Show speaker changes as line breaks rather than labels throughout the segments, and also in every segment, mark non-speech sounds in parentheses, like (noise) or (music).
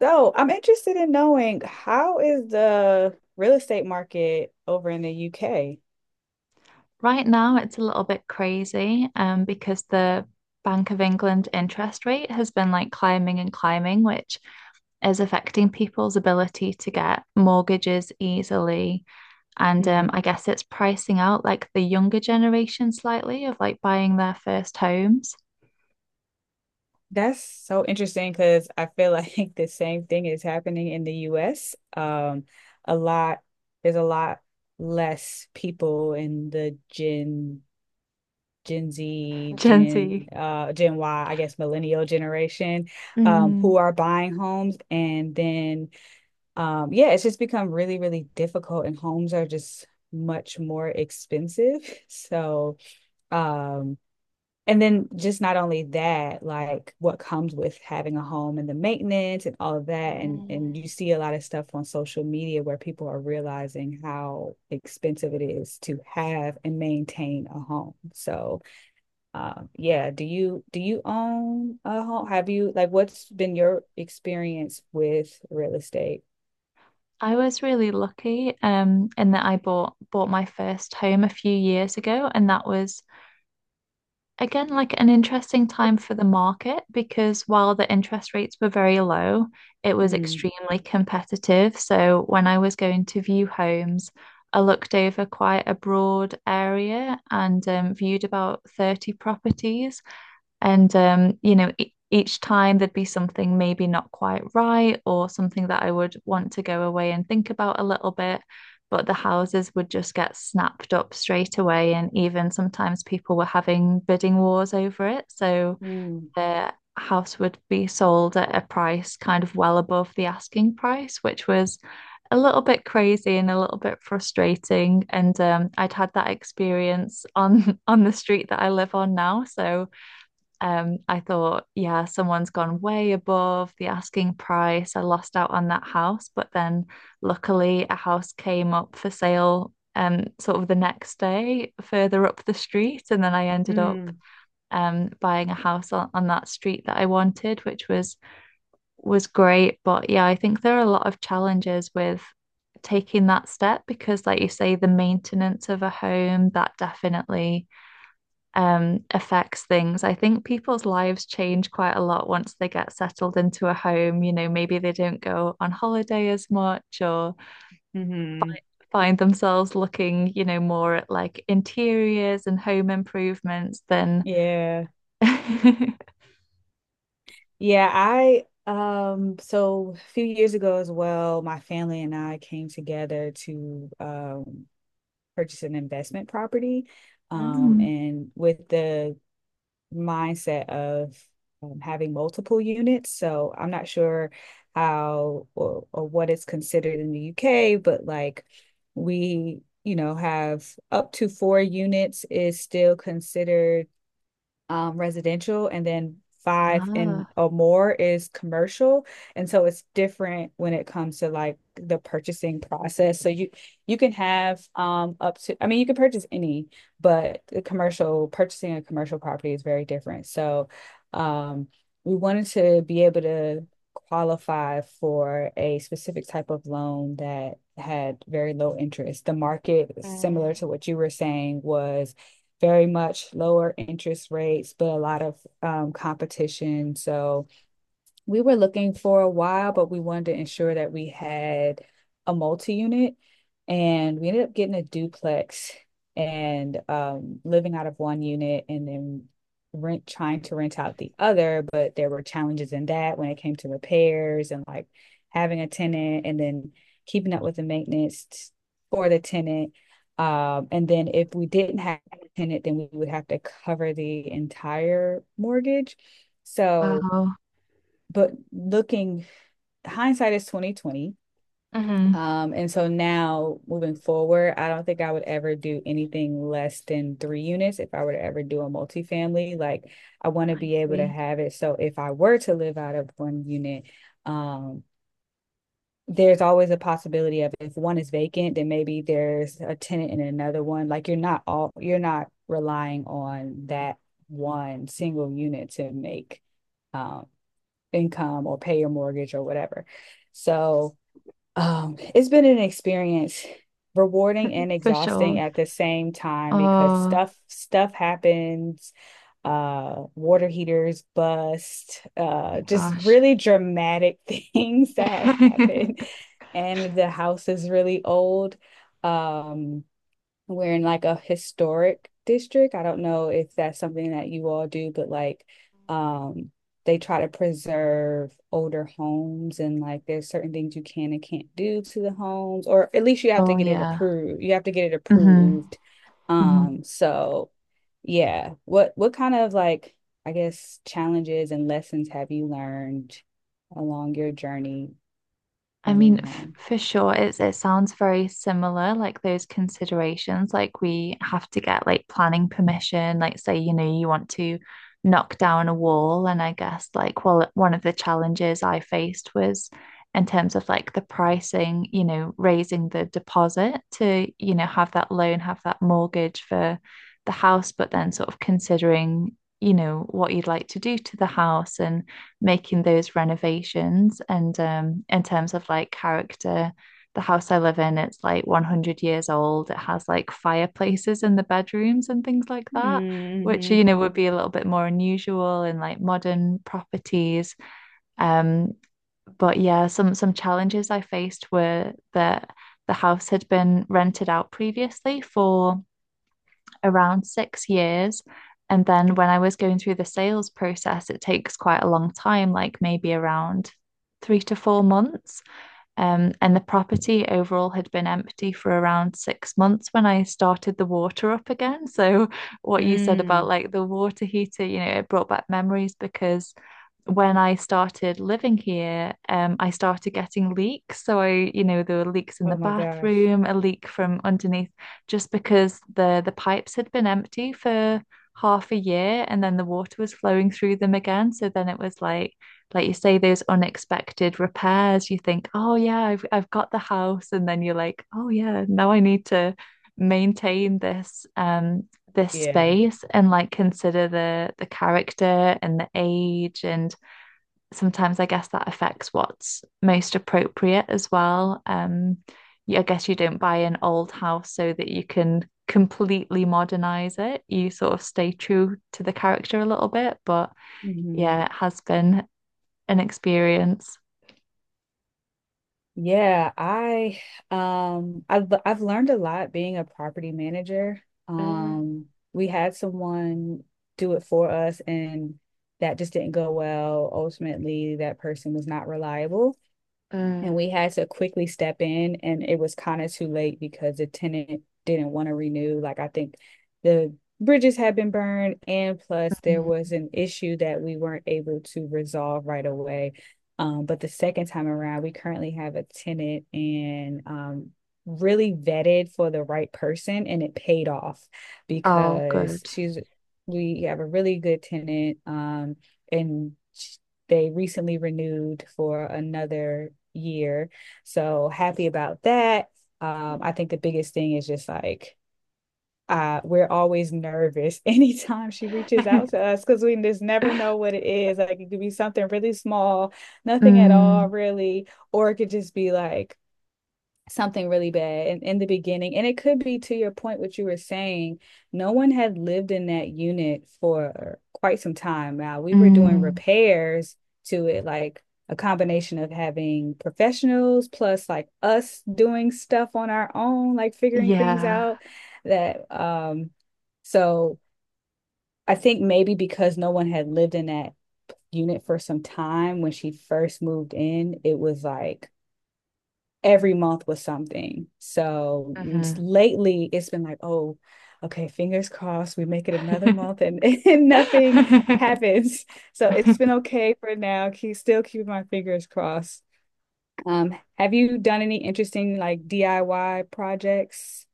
So I'm interested in knowing how is the real estate market over in the UK?
Right now, it's a little bit crazy because the Bank of England interest rate has been like climbing and climbing, which is affecting people's ability to get mortgages easily. And
Hmm.
I guess it's pricing out like the younger generation slightly of like buying their first homes.
That's so interesting because I feel like (laughs) the same thing is happening in the US. A lot, there's a lot less people in the Gen
(laughs)
Z,
Gen
Gen
Z.
uh Gen Y, I guess millennial generation,
Mm.
who are buying homes and then yeah, it's just become really, really difficult, and homes are just much more expensive. (laughs) So, um, and then just not only that, like what comes with having a home and the maintenance and all of that, and
Mm.
and you see a lot of stuff on social media where people are realizing how expensive it is to have and maintain a home. Yeah, do you own a home? Have you like what's been your experience with real estate?
I was really lucky in that I bought my first home a few years ago, and that was again, like an interesting time for the market because while the interest rates were very low, it was
Hmm.
extremely competitive. So when I was going to view homes, I looked over quite a broad area and viewed about 30 properties. And you know, e each time there'd be something maybe not quite right or something that I would want to go away and think about a little bit. But the houses would just get snapped up straight away. And even sometimes people were having bidding wars over it. So
Hmm.
the house would be sold at a price kind of well above the asking price, which was a little bit crazy and a little bit frustrating. And I'd had that experience on (laughs) on the street that I live on now. So I thought, yeah, someone's gone way above the asking price. I lost out on that house, but then luckily a house came up for sale sort of the next day further up the street, and then I ended up
Mm,
buying a house on that street that I wanted, which was great. But yeah, I think there are a lot of challenges with taking that step because, like you say, the maintenance of a home, that definitely affects things. I think people's lives change quite a lot once they get settled into a home. You know, maybe they don't go on holiday as much or
hmm.
find themselves looking, more at like interiors and home improvements than. (laughs)
Yeah. Yeah, I so a few years ago as well, my family and I came together to purchase an investment property.
Mm.
And with the mindset of having multiple units. So I'm not sure how or what it's considered in the UK, but like we, you know, have up to four units is still considered residential and then five and
Ah,
or more is commercial, and so it's different when it comes to like the purchasing process. So you can have up to, I mean, you can purchase any, but the commercial, purchasing a commercial property, is very different. So um, we wanted to be able to qualify for a specific type of loan that had very low interest. The market, similar to what you were saying, was very much lower interest rates, but a lot of competition. So we were looking for a while, but we wanted to ensure that we had a multi-unit, and we ended up getting a duplex and living out of one unit and then rent trying to rent out the other, but there were challenges in that when it came to repairs and like having a tenant and then keeping up with the maintenance for the tenant. And then if we didn't have a tenant, then we would have to cover the entire mortgage. So
wow.
but looking, hindsight is 2020.
Hmm.
And so now moving forward, I don't think I would ever do anything less than three units if I were to ever do a multifamily. Like, I want to
I
be able to
see.
have it so if I were to live out of one unit, um, there's always a possibility of if one is vacant, then maybe there's a tenant in another one. Like, you're not all, you're not relying on that one single unit to make um income or pay your mortgage or whatever. So it's been an experience, rewarding and
For
exhausting
sure.
at the same time because
Oh
stuff happens. Uh, water heaters bust,
my
uh, just
gosh.
really dramatic (laughs) things that have happened.
(laughs)
And the house is really old, um, we're in like a historic district. I don't know if that's something that you all do, but like um, they try to preserve older homes and like there's certain things you can and can't do to the homes, or at least you have to
Oh
get it
yeah.
approved. You have to get it
Hmm.
approved.
Hmm.
So yeah. What kind of like, I guess, challenges and lessons have you learned along your journey
I
owning a
mean, f
home?
for sure, it's it sounds very similar, like those considerations. Like we have to get like planning permission, like say, you know, you want to knock down a wall. And I guess like well, one of the challenges I faced was in terms of like the pricing, you know, raising the deposit to, you know, have that loan, have that mortgage for the house, but then sort of considering, you know, what you'd like to do to the house and making those renovations and in terms of like character, the house I live in, it's like 100 years old. It has like fireplaces in the bedrooms and things like that, which
Mm-hmm.
you know would be a little bit more unusual in like modern properties. um but yeah, some challenges I faced were that the house had been rented out previously for around 6 years. And then when I was going through the sales process, it takes quite a long time, like maybe around 3 to 4 months. And the property overall had been empty for around 6 months when I started the water up again. (laughs) So, what you said about
Mm.
like the water heater, you know, it brought back memories because when I started living here, I started getting leaks. So I, you know, there were leaks in the
Oh my gosh.
bathroom, a leak from underneath, just because the pipes had been empty for half a year, and then the water was flowing through them again. So then it was like you say, those unexpected repairs. You think, oh yeah, I've got the house, and then you're like, oh yeah, now I need to maintain this this
Yeah.
space and like consider the character and the age. And sometimes I guess that affects what's most appropriate as well. I guess you don't buy an old house so that you can completely modernize it. You sort of stay true to the character a little bit, but
Mhm.
yeah, it has been an experience.
Yeah, I I've learned a lot being a property manager.
Mm,
We had someone do it for us, and that just didn't go well. Ultimately, that person was not reliable. And
mm.
we had to quickly step in, and it was kind of too late because the tenant didn't want to renew. Like, I think the bridges had been burned, and plus, there
Mm.
was an issue that we weren't able to resolve right away. But the second time around, we currently have a tenant, and really vetted for the right person, and it paid off
Oh,
because
good.
she's we have a really good tenant, and they recently renewed for another year. So happy about that. I think the biggest thing is just like we're always nervous (laughs) anytime she reaches out to
(laughs)
us because we just never know what it is. Like it could be something really small, nothing at all,
Mm,
really, or it could just be like something really bad in the beginning. And it could be, to your point, what you were saying, no one had lived in that unit for quite some time. Now we were doing
mm,
repairs to it, like a combination of having professionals plus like us doing stuff on our own, like figuring things
yeah.
out. That, so I think maybe because no one had lived in that unit for some time, when she first moved in, it was like every month was something. So
Hmm.
lately it's been like, oh, okay, fingers crossed, we make it another month
(laughs)
and, (laughs) and nothing happens. So it's been okay for now. Keep Still keeping my fingers crossed. Have you done any interesting like DIY projects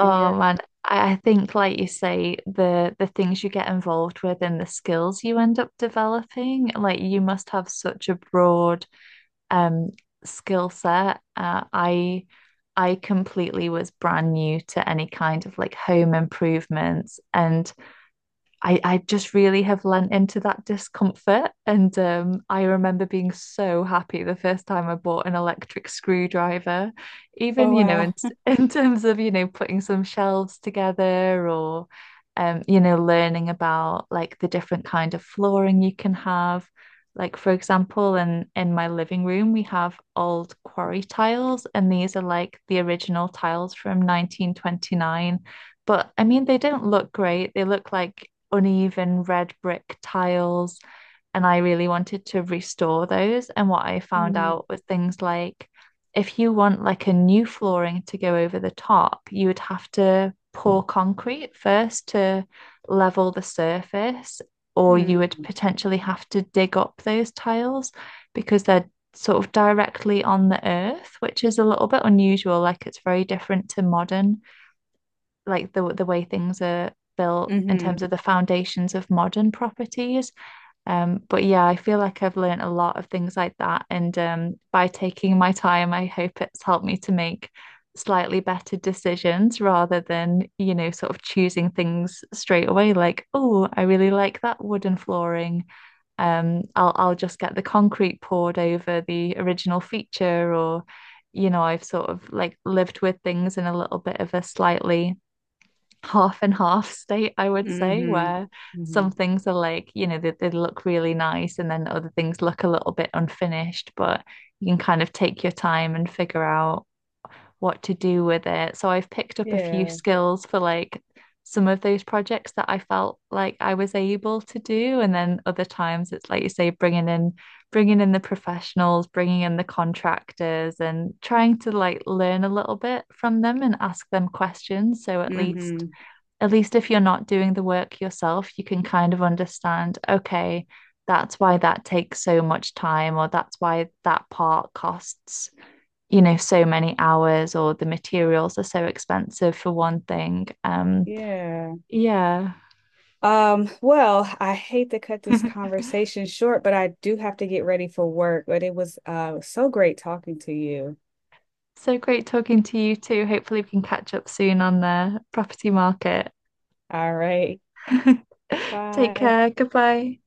in your
man, I think like you say, the things you get involved with and the skills you end up developing, like you must have such a broad um skill set. I completely was brand new to any kind of like home improvements. And I just really have lent into that discomfort. And I remember being so happy the first time I bought an electric screwdriver, even,
oh wow.
(laughs) in terms of, you know, putting some shelves together, or, you know, learning about like the different kind of flooring you can have. Like, for example, in my living room, we have old quarry tiles, and these are like the original tiles from 1929. But I mean, they don't look great. They look like uneven red brick tiles, and I really wanted to restore those. And what I found
Mm,
out was things like if you want like a new flooring to go over the top, you would have to pour concrete first to level the surface, or you would
mm,
potentially have to dig up those tiles because they're sort of directly on the earth, which is a little bit unusual. Like it's very different to modern, like the way things are built in
mm-hmm,
terms of the foundations of modern properties. But yeah, I feel like I've learned a lot of things like that, and by taking my time, I hope it's helped me to make slightly better decisions rather than you know sort of choosing things straight away like oh I really like that wooden flooring I'll just get the concrete poured over the original feature or you know I've sort of like lived with things in a little bit of a slightly half and half state, I would say,
mm-hmm,
where
mm-hmm.
some things are like, you know, they look really nice and then other things look a little bit unfinished, but you can kind of take your time and figure out what to do with it. So I've picked up a few
Yeah.
skills for like some of those projects that I felt like I was able to do. And then other times it's like you say, bringing in the professionals, bringing in the contractors and trying to like learn a little bit from them and ask them questions. So
Mm-hmm.
at least if you're not doing the work yourself, you can kind of understand, okay, that's why that takes so much time, or that's why that part costs, you know, so many hours, or the materials are so expensive for one thing.
Yeah.
Yeah.
Well, I hate to cut this
(laughs)
conversation short, but I do have to get ready for work. But it was so great talking to you.
So great talking to you too. Hopefully, we can catch up soon on the property market.
All right.
(laughs) Take
Bye.
care. Goodbye.